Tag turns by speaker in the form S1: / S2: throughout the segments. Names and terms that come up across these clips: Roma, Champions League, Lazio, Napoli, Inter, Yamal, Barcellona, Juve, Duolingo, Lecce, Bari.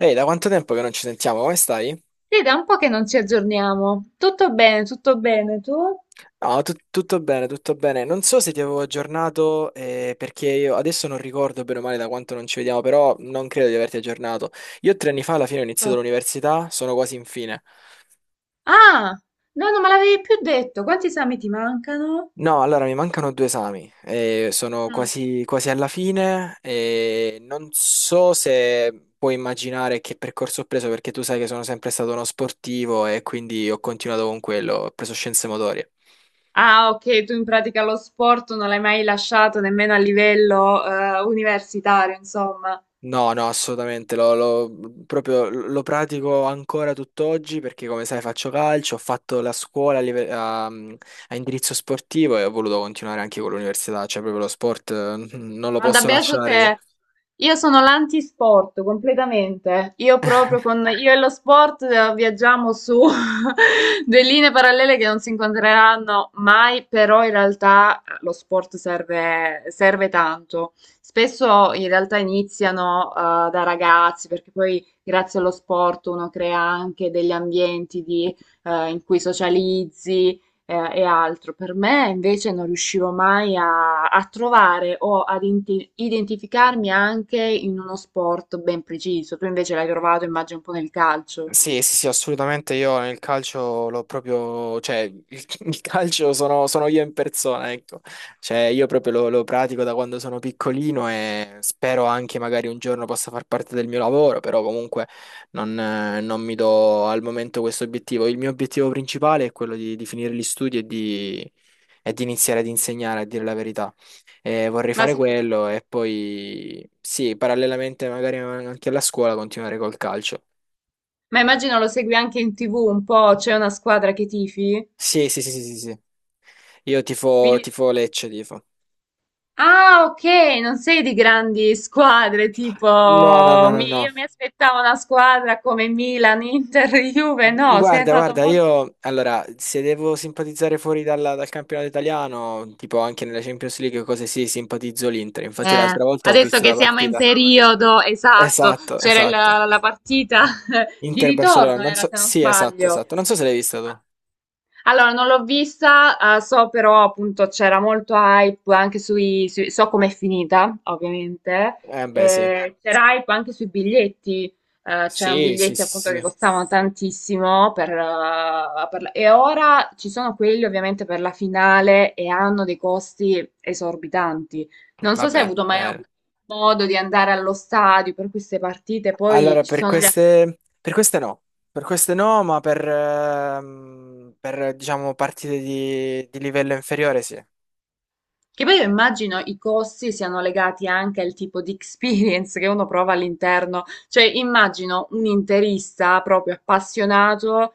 S1: Ehi, da quanto tempo che non ci sentiamo? Come stai?
S2: Sì, da un po' che non ci aggiorniamo. Tutto bene, tutto bene. Tu?
S1: No, tutto bene, tutto bene. Non so se ti avevo aggiornato, perché io adesso non ricordo bene o male da quanto non ci vediamo, però non credo di averti aggiornato. Io 3 anni fa alla fine ho iniziato
S2: Tutto.
S1: l'università, sono quasi in fine.
S2: Ah, no, non me l'avevi più detto. Quanti esami ti mancano?
S1: No, allora mi mancano 2 esami, sono
S2: Mm.
S1: quasi alla fine e non so se puoi immaginare che percorso ho preso perché tu sai che sono sempre stato uno sportivo e quindi ho continuato con quello, ho preso scienze motorie.
S2: Ah, ok, tu in pratica lo sport non l'hai mai lasciato nemmeno a livello universitario, insomma.
S1: No, no, assolutamente, proprio lo pratico ancora tutt'oggi perché come sai faccio calcio, ho fatto la scuola a, live- a- mhmm, a indirizzo sportivo e ho voluto continuare anche con l'università, cioè proprio lo sport non lo
S2: Guarda,
S1: posso
S2: beato
S1: lasciare io.
S2: te. Io sono l'antisport completamente. Io proprio con io e lo sport viaggiamo su due linee parallele che non si incontreranno mai, però in realtà lo sport serve, serve tanto. Spesso in realtà iniziano da ragazzi, perché poi grazie allo sport uno crea anche degli ambienti di, in cui socializzi, e, e altro. Per me invece non riuscivo mai a, a trovare o ad identificarmi anche in uno sport ben preciso. Tu invece l'hai trovato, immagino, un po' nel calcio.
S1: Sì, sì, sì, assolutamente. Io nel calcio l'ho proprio, cioè, il calcio sono io in persona, ecco. Cioè, io proprio lo pratico da quando sono piccolino e spero anche magari un giorno possa far parte del mio lavoro, però comunque non mi do al momento questo obiettivo. Il mio obiettivo principale è quello di finire gli studi e di iniziare ad insegnare, a dire la verità. E vorrei
S2: Ma,
S1: fare
S2: sicur-
S1: quello e poi, sì, parallelamente magari anche alla scuola continuare col calcio.
S2: ma immagino lo segui anche in TV un po', c'è una squadra che tifi?
S1: Sì, sì, sì, sì, sì. Sì. Io tifo,
S2: Quindi...
S1: tifo Lecce, tifo.
S2: Ah, ok, non sei di grandi squadre,
S1: No, no, no,
S2: tipo
S1: no,
S2: io
S1: no.
S2: mi aspettavo una squadra come Milan, Inter, Juve, no, sei
S1: Guarda,
S2: andato
S1: guarda,
S2: molto...
S1: io allora, se devo simpatizzare fuori dal campionato italiano, tipo anche nella Champions League, cose sì, simpatizzo l'Inter. Infatti
S2: Eh,
S1: l'altra volta ho
S2: adesso
S1: visto
S2: che
S1: la
S2: siamo in
S1: partita.
S2: periodo, esatto,
S1: Esatto,
S2: c'era la,
S1: esatto.
S2: la partita di
S1: Inter-Barcellona,
S2: ritorno,
S1: non
S2: era
S1: so.
S2: se non
S1: Sì, esatto,
S2: sbaglio.
S1: esatto. Non so se l'hai vista tu.
S2: Allora, non l'ho vista, so però appunto c'era molto hype anche sui, so com'è finita, ovviamente,
S1: Beh, sì.
S2: c'era hype anche sui biglietti, c'erano
S1: Sì, sì,
S2: biglietti
S1: sì,
S2: appunto che
S1: sì.
S2: costavano tantissimo per e ora ci sono quelli ovviamente per la finale e hanno dei costi esorbitanti. Non so se hai
S1: Vabbè,
S2: avuto mai
S1: eh.
S2: modo di andare allo stadio per queste partite, poi
S1: Allora,
S2: ci sono gli
S1: per queste no, ma diciamo partite di livello inferiore sì.
S2: Che poi io immagino i costi siano legati anche al tipo di experience che uno prova all'interno, cioè immagino un interista proprio appassionato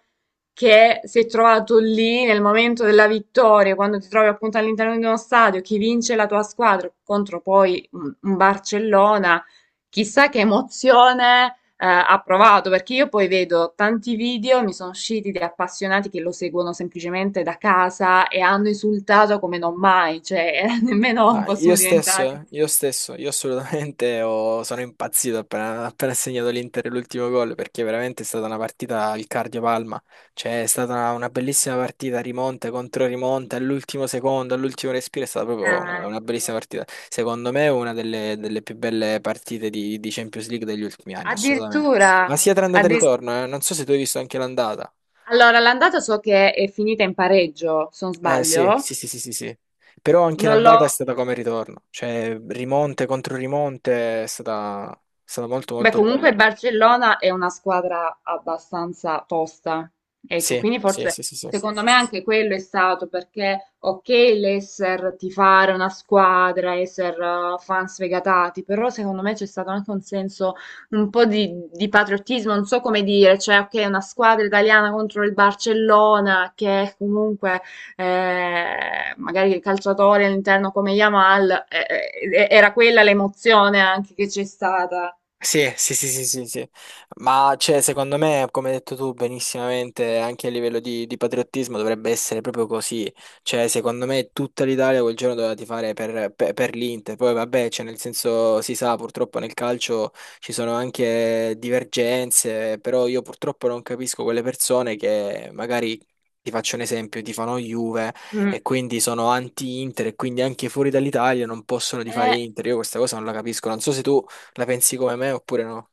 S2: che si è trovato lì nel momento della vittoria, quando ti trovi appunto all'interno di uno stadio, chi vince la tua squadra contro poi un Barcellona, chissà che emozione ha provato, perché io poi vedo tanti video, mi sono usciti di appassionati che lo seguono semplicemente da casa e hanno insultato come non mai, cioè nemmeno
S1: Ma
S2: fossimo diventati.
S1: io assolutamente sono impazzito appena ha segnato l'Inter l'ultimo gol perché veramente è stata una partita al cardio-palma, cioè è stata una bellissima partita, rimonte contro rimonte, all'ultimo secondo, all'ultimo respiro, è stata proprio una,
S2: Ah,
S1: una
S2: ecco.
S1: bellissima partita. Secondo me è una delle più belle partite di Champions League degli ultimi anni, assolutamente.
S2: Addirittura,
S1: Ma sia tra andata e
S2: addir-
S1: ritorno, non so se tu hai visto anche l'andata.
S2: allora l'andata so che è finita in pareggio, se non
S1: Eh sì,
S2: sbaglio.
S1: sì, sì, sì, sì, sì. Però anche
S2: Non l'ho.
S1: l'andata è stata come il ritorno, cioè rimonte contro rimonte è stata molto
S2: Beh,
S1: molto
S2: comunque
S1: bella.
S2: il Barcellona è una squadra abbastanza tosta, ecco,
S1: Sì,
S2: quindi
S1: sì,
S2: forse
S1: sì, sì, sì.
S2: secondo me anche quello è stato perché, ok, l'esser tifare una squadra, esser fan sfegatati, però secondo me c'è stato anche un senso un po' di patriottismo, non so come dire, cioè, ok, una squadra italiana contro il Barcellona che comunque magari il calciatore all'interno come Yamal, era quella l'emozione anche che c'è stata.
S1: Sì, sì, sì, sì, sì, sì. Ma cioè, secondo me, come hai detto tu benissimamente, anche a livello di patriottismo dovrebbe essere proprio così. Cioè, secondo me tutta l'Italia quel giorno doveva tifare per l'Inter. Poi vabbè, cioè, nel senso si sa, purtroppo nel calcio ci sono anche divergenze, però io purtroppo non capisco quelle persone che magari ti faccio un esempio, tifano Juve
S2: Mm.
S1: e quindi sono anti-Inter e quindi anche fuori dall'Italia non possono tifare
S2: Eh,
S1: Inter. Io questa cosa non la capisco. Non so se tu la pensi come me oppure no?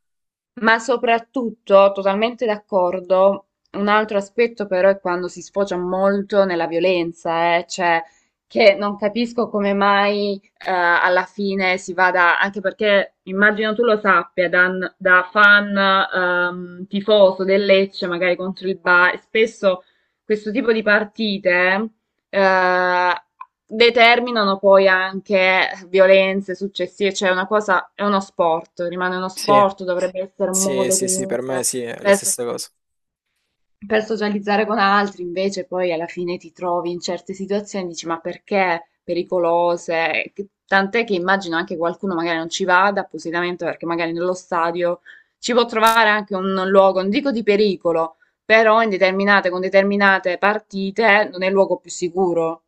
S2: ma soprattutto, totalmente d'accordo, un altro aspetto però è quando si sfocia molto nella violenza, cioè che non capisco come mai alla fine si vada, anche perché immagino tu lo sappia, da, da fan tifoso del Lecce, magari contro il Bari, spesso questo tipo di partite eh, determinano poi anche violenze successive, cioè è una cosa, è uno sport, rimane uno
S1: Sì,
S2: sport, dovrebbe essere un
S1: sì,
S2: modo
S1: sì, sì, per me
S2: comunque
S1: sì, è la
S2: per,
S1: stessa cosa.
S2: per socializzare con altri, invece poi alla fine ti trovi in certe situazioni, dici ma perché pericolose? Tant'è che immagino anche qualcuno magari non ci vada appositamente perché magari nello stadio ci può trovare anche un luogo, non dico di pericolo, però in determinate, con determinate partite non è il luogo più sicuro.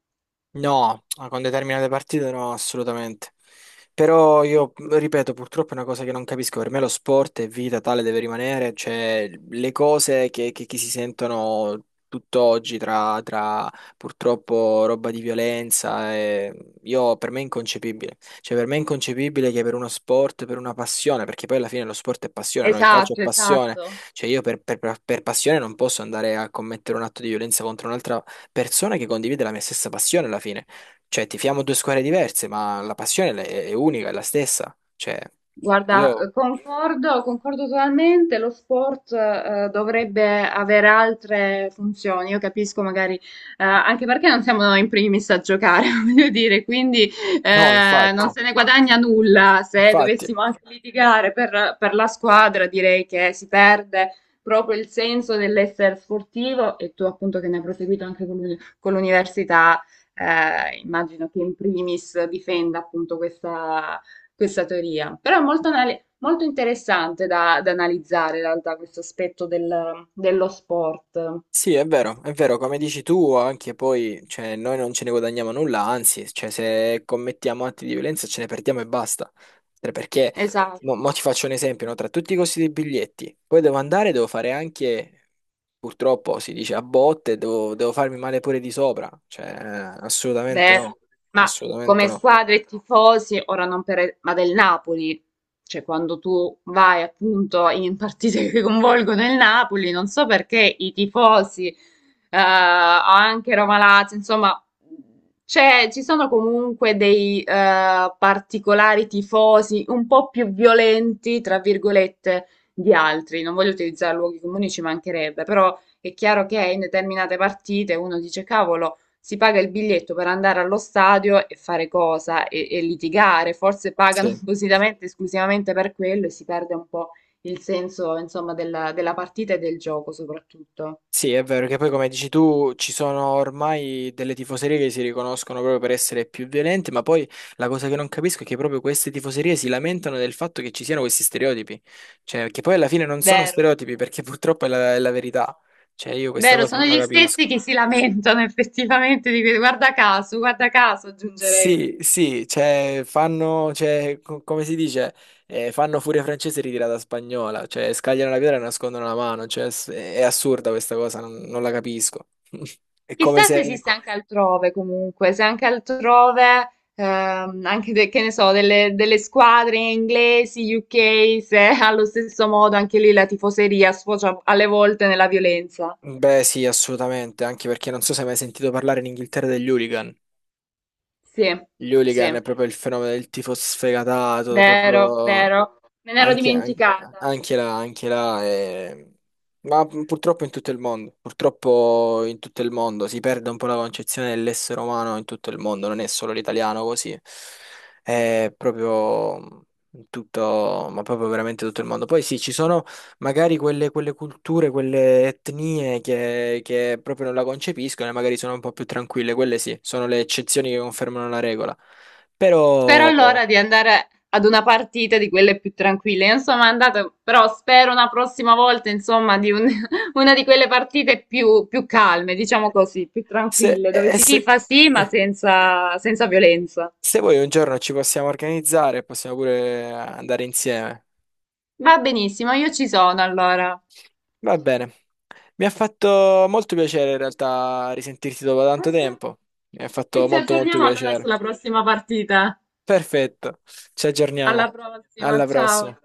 S1: No, ah, con determinate partite no, assolutamente. Però io ripeto, purtroppo è una cosa che non capisco. Per me lo sport è vita, tale deve rimanere. Cioè, le cose che si sentono tutt'oggi tra purtroppo roba di violenza, io, per me è inconcepibile. Cioè, per me è inconcepibile che per uno sport, per una passione, perché poi alla fine lo sport è passione, no? Il calcio è
S2: Esatto,
S1: passione.
S2: esatto.
S1: Cioè, io per passione non posso andare a commettere un atto di violenza contro un'altra persona che condivide la mia stessa passione alla fine. Cioè, tifiamo due squadre diverse, ma la passione è unica, è la stessa. Cioè,
S2: Guarda,
S1: io.
S2: concordo, concordo totalmente, lo sport dovrebbe avere altre funzioni, io capisco magari, anche perché non siamo in primis a giocare, voglio dire, quindi
S1: No,
S2: non No.
S1: infatti,
S2: se ne guadagna nulla se
S1: infatti.
S2: dovessimo anche litigare per la squadra, direi che si perde proprio il senso dell'essere sportivo e tu appunto che ne hai proseguito anche con con l'università, immagino che in primis difenda appunto questa questa teoria, però è molto, molto interessante da, da analizzare in realtà questo aspetto dello sport.
S1: Sì, è vero, come dici tu, anche poi, cioè, noi non ce ne guadagniamo nulla, anzi, cioè, se commettiamo atti di violenza ce ne perdiamo e basta. Cioè, perché,
S2: Esatto.
S1: mo ti faccio un esempio, no? Tra tutti i costi dei biglietti, poi devo andare, devo fare anche, purtroppo si dice a botte, devo farmi male pure di sopra, cioè, assolutamente
S2: Beh,
S1: no,
S2: ma
S1: assolutamente
S2: come
S1: no.
S2: squadre tifosi, ora non per, ma del Napoli, cioè quando tu vai appunto in partite che coinvolgono il Napoli, non so perché i tifosi, anche Roma Lazio, insomma, ci sono comunque dei particolari tifosi un po' più violenti, tra virgolette, di altri. Non voglio utilizzare luoghi comuni, ci mancherebbe, però è chiaro che in determinate partite uno dice, cavolo si paga il biglietto per andare allo stadio e fare cosa? E litigare, forse pagano
S1: Sì.
S2: appositamente, esclusivamente per quello e si perde un po' il senso, insomma, della, della partita e del gioco soprattutto.
S1: Sì, è vero che poi come dici tu ci sono ormai delle tifoserie che si riconoscono proprio per essere più violente, ma poi la cosa che non capisco è che proprio queste tifoserie si lamentano del fatto che ci siano questi stereotipi, cioè che poi alla fine non sono
S2: Vero.
S1: stereotipi perché purtroppo è la verità, cioè io questa
S2: Vero,
S1: cosa
S2: sono
S1: non la
S2: gli
S1: capisco.
S2: stessi che si lamentano effettivamente di guarda caso, aggiungerei.
S1: Sì, sì, cioè fanno, cioè, come si dice, fanno furia francese ritirata spagnola, cioè scagliano la pietra e nascondono la mano, cioè è assurda questa cosa, non la capisco. È come
S2: Chissà se
S1: se.
S2: esiste anche altrove comunque, se anche altrove, anche che ne so, delle, delle squadre inglesi, UK, se allo stesso modo anche lì la tifoseria sfocia alle volte nella violenza.
S1: Beh, sì, assolutamente, anche perché non so se hai mai sentito parlare in Inghilterra degli hooligan.
S2: Sì,
S1: Gli
S2: sì,
S1: hooligan è proprio il fenomeno del tifo sfegatato,
S2: vero,
S1: proprio
S2: vero, me ne ero
S1: anche, an-
S2: dimenticata.
S1: anche là, ma purtroppo in tutto il mondo, purtroppo in tutto il mondo si perde un po' la concezione dell'essere umano in tutto il mondo, non è solo l'italiano così, è proprio in tutto, ma proprio veramente tutto il mondo. Poi sì, ci sono magari quelle culture, quelle etnie che proprio non la concepiscono e magari sono un po' più tranquille, quelle sì, sono le eccezioni che confermano la regola.
S2: Spero
S1: Però
S2: allora di andare ad una partita di quelle più tranquille. Non sono andata, però spero una prossima volta, insomma, di una di quelle partite più, più calme, diciamo così, più
S1: se,
S2: tranquille, dove
S1: e
S2: si
S1: se-
S2: tifa sì, ma senza, senza violenza.
S1: se vuoi un giorno ci possiamo organizzare, possiamo pure andare insieme.
S2: Va benissimo, io ci sono allora.
S1: Va bene. Mi ha fatto molto piacere in realtà risentirti dopo
S2: Ah,
S1: tanto
S2: sì.
S1: tempo. Mi ha
S2: E
S1: fatto
S2: ci
S1: molto molto
S2: aggiorniamo allora
S1: piacere.
S2: sulla prossima partita.
S1: Perfetto, ci
S2: Alla
S1: aggiorniamo.
S2: prossima,
S1: Alla
S2: ciao.
S1: prossima.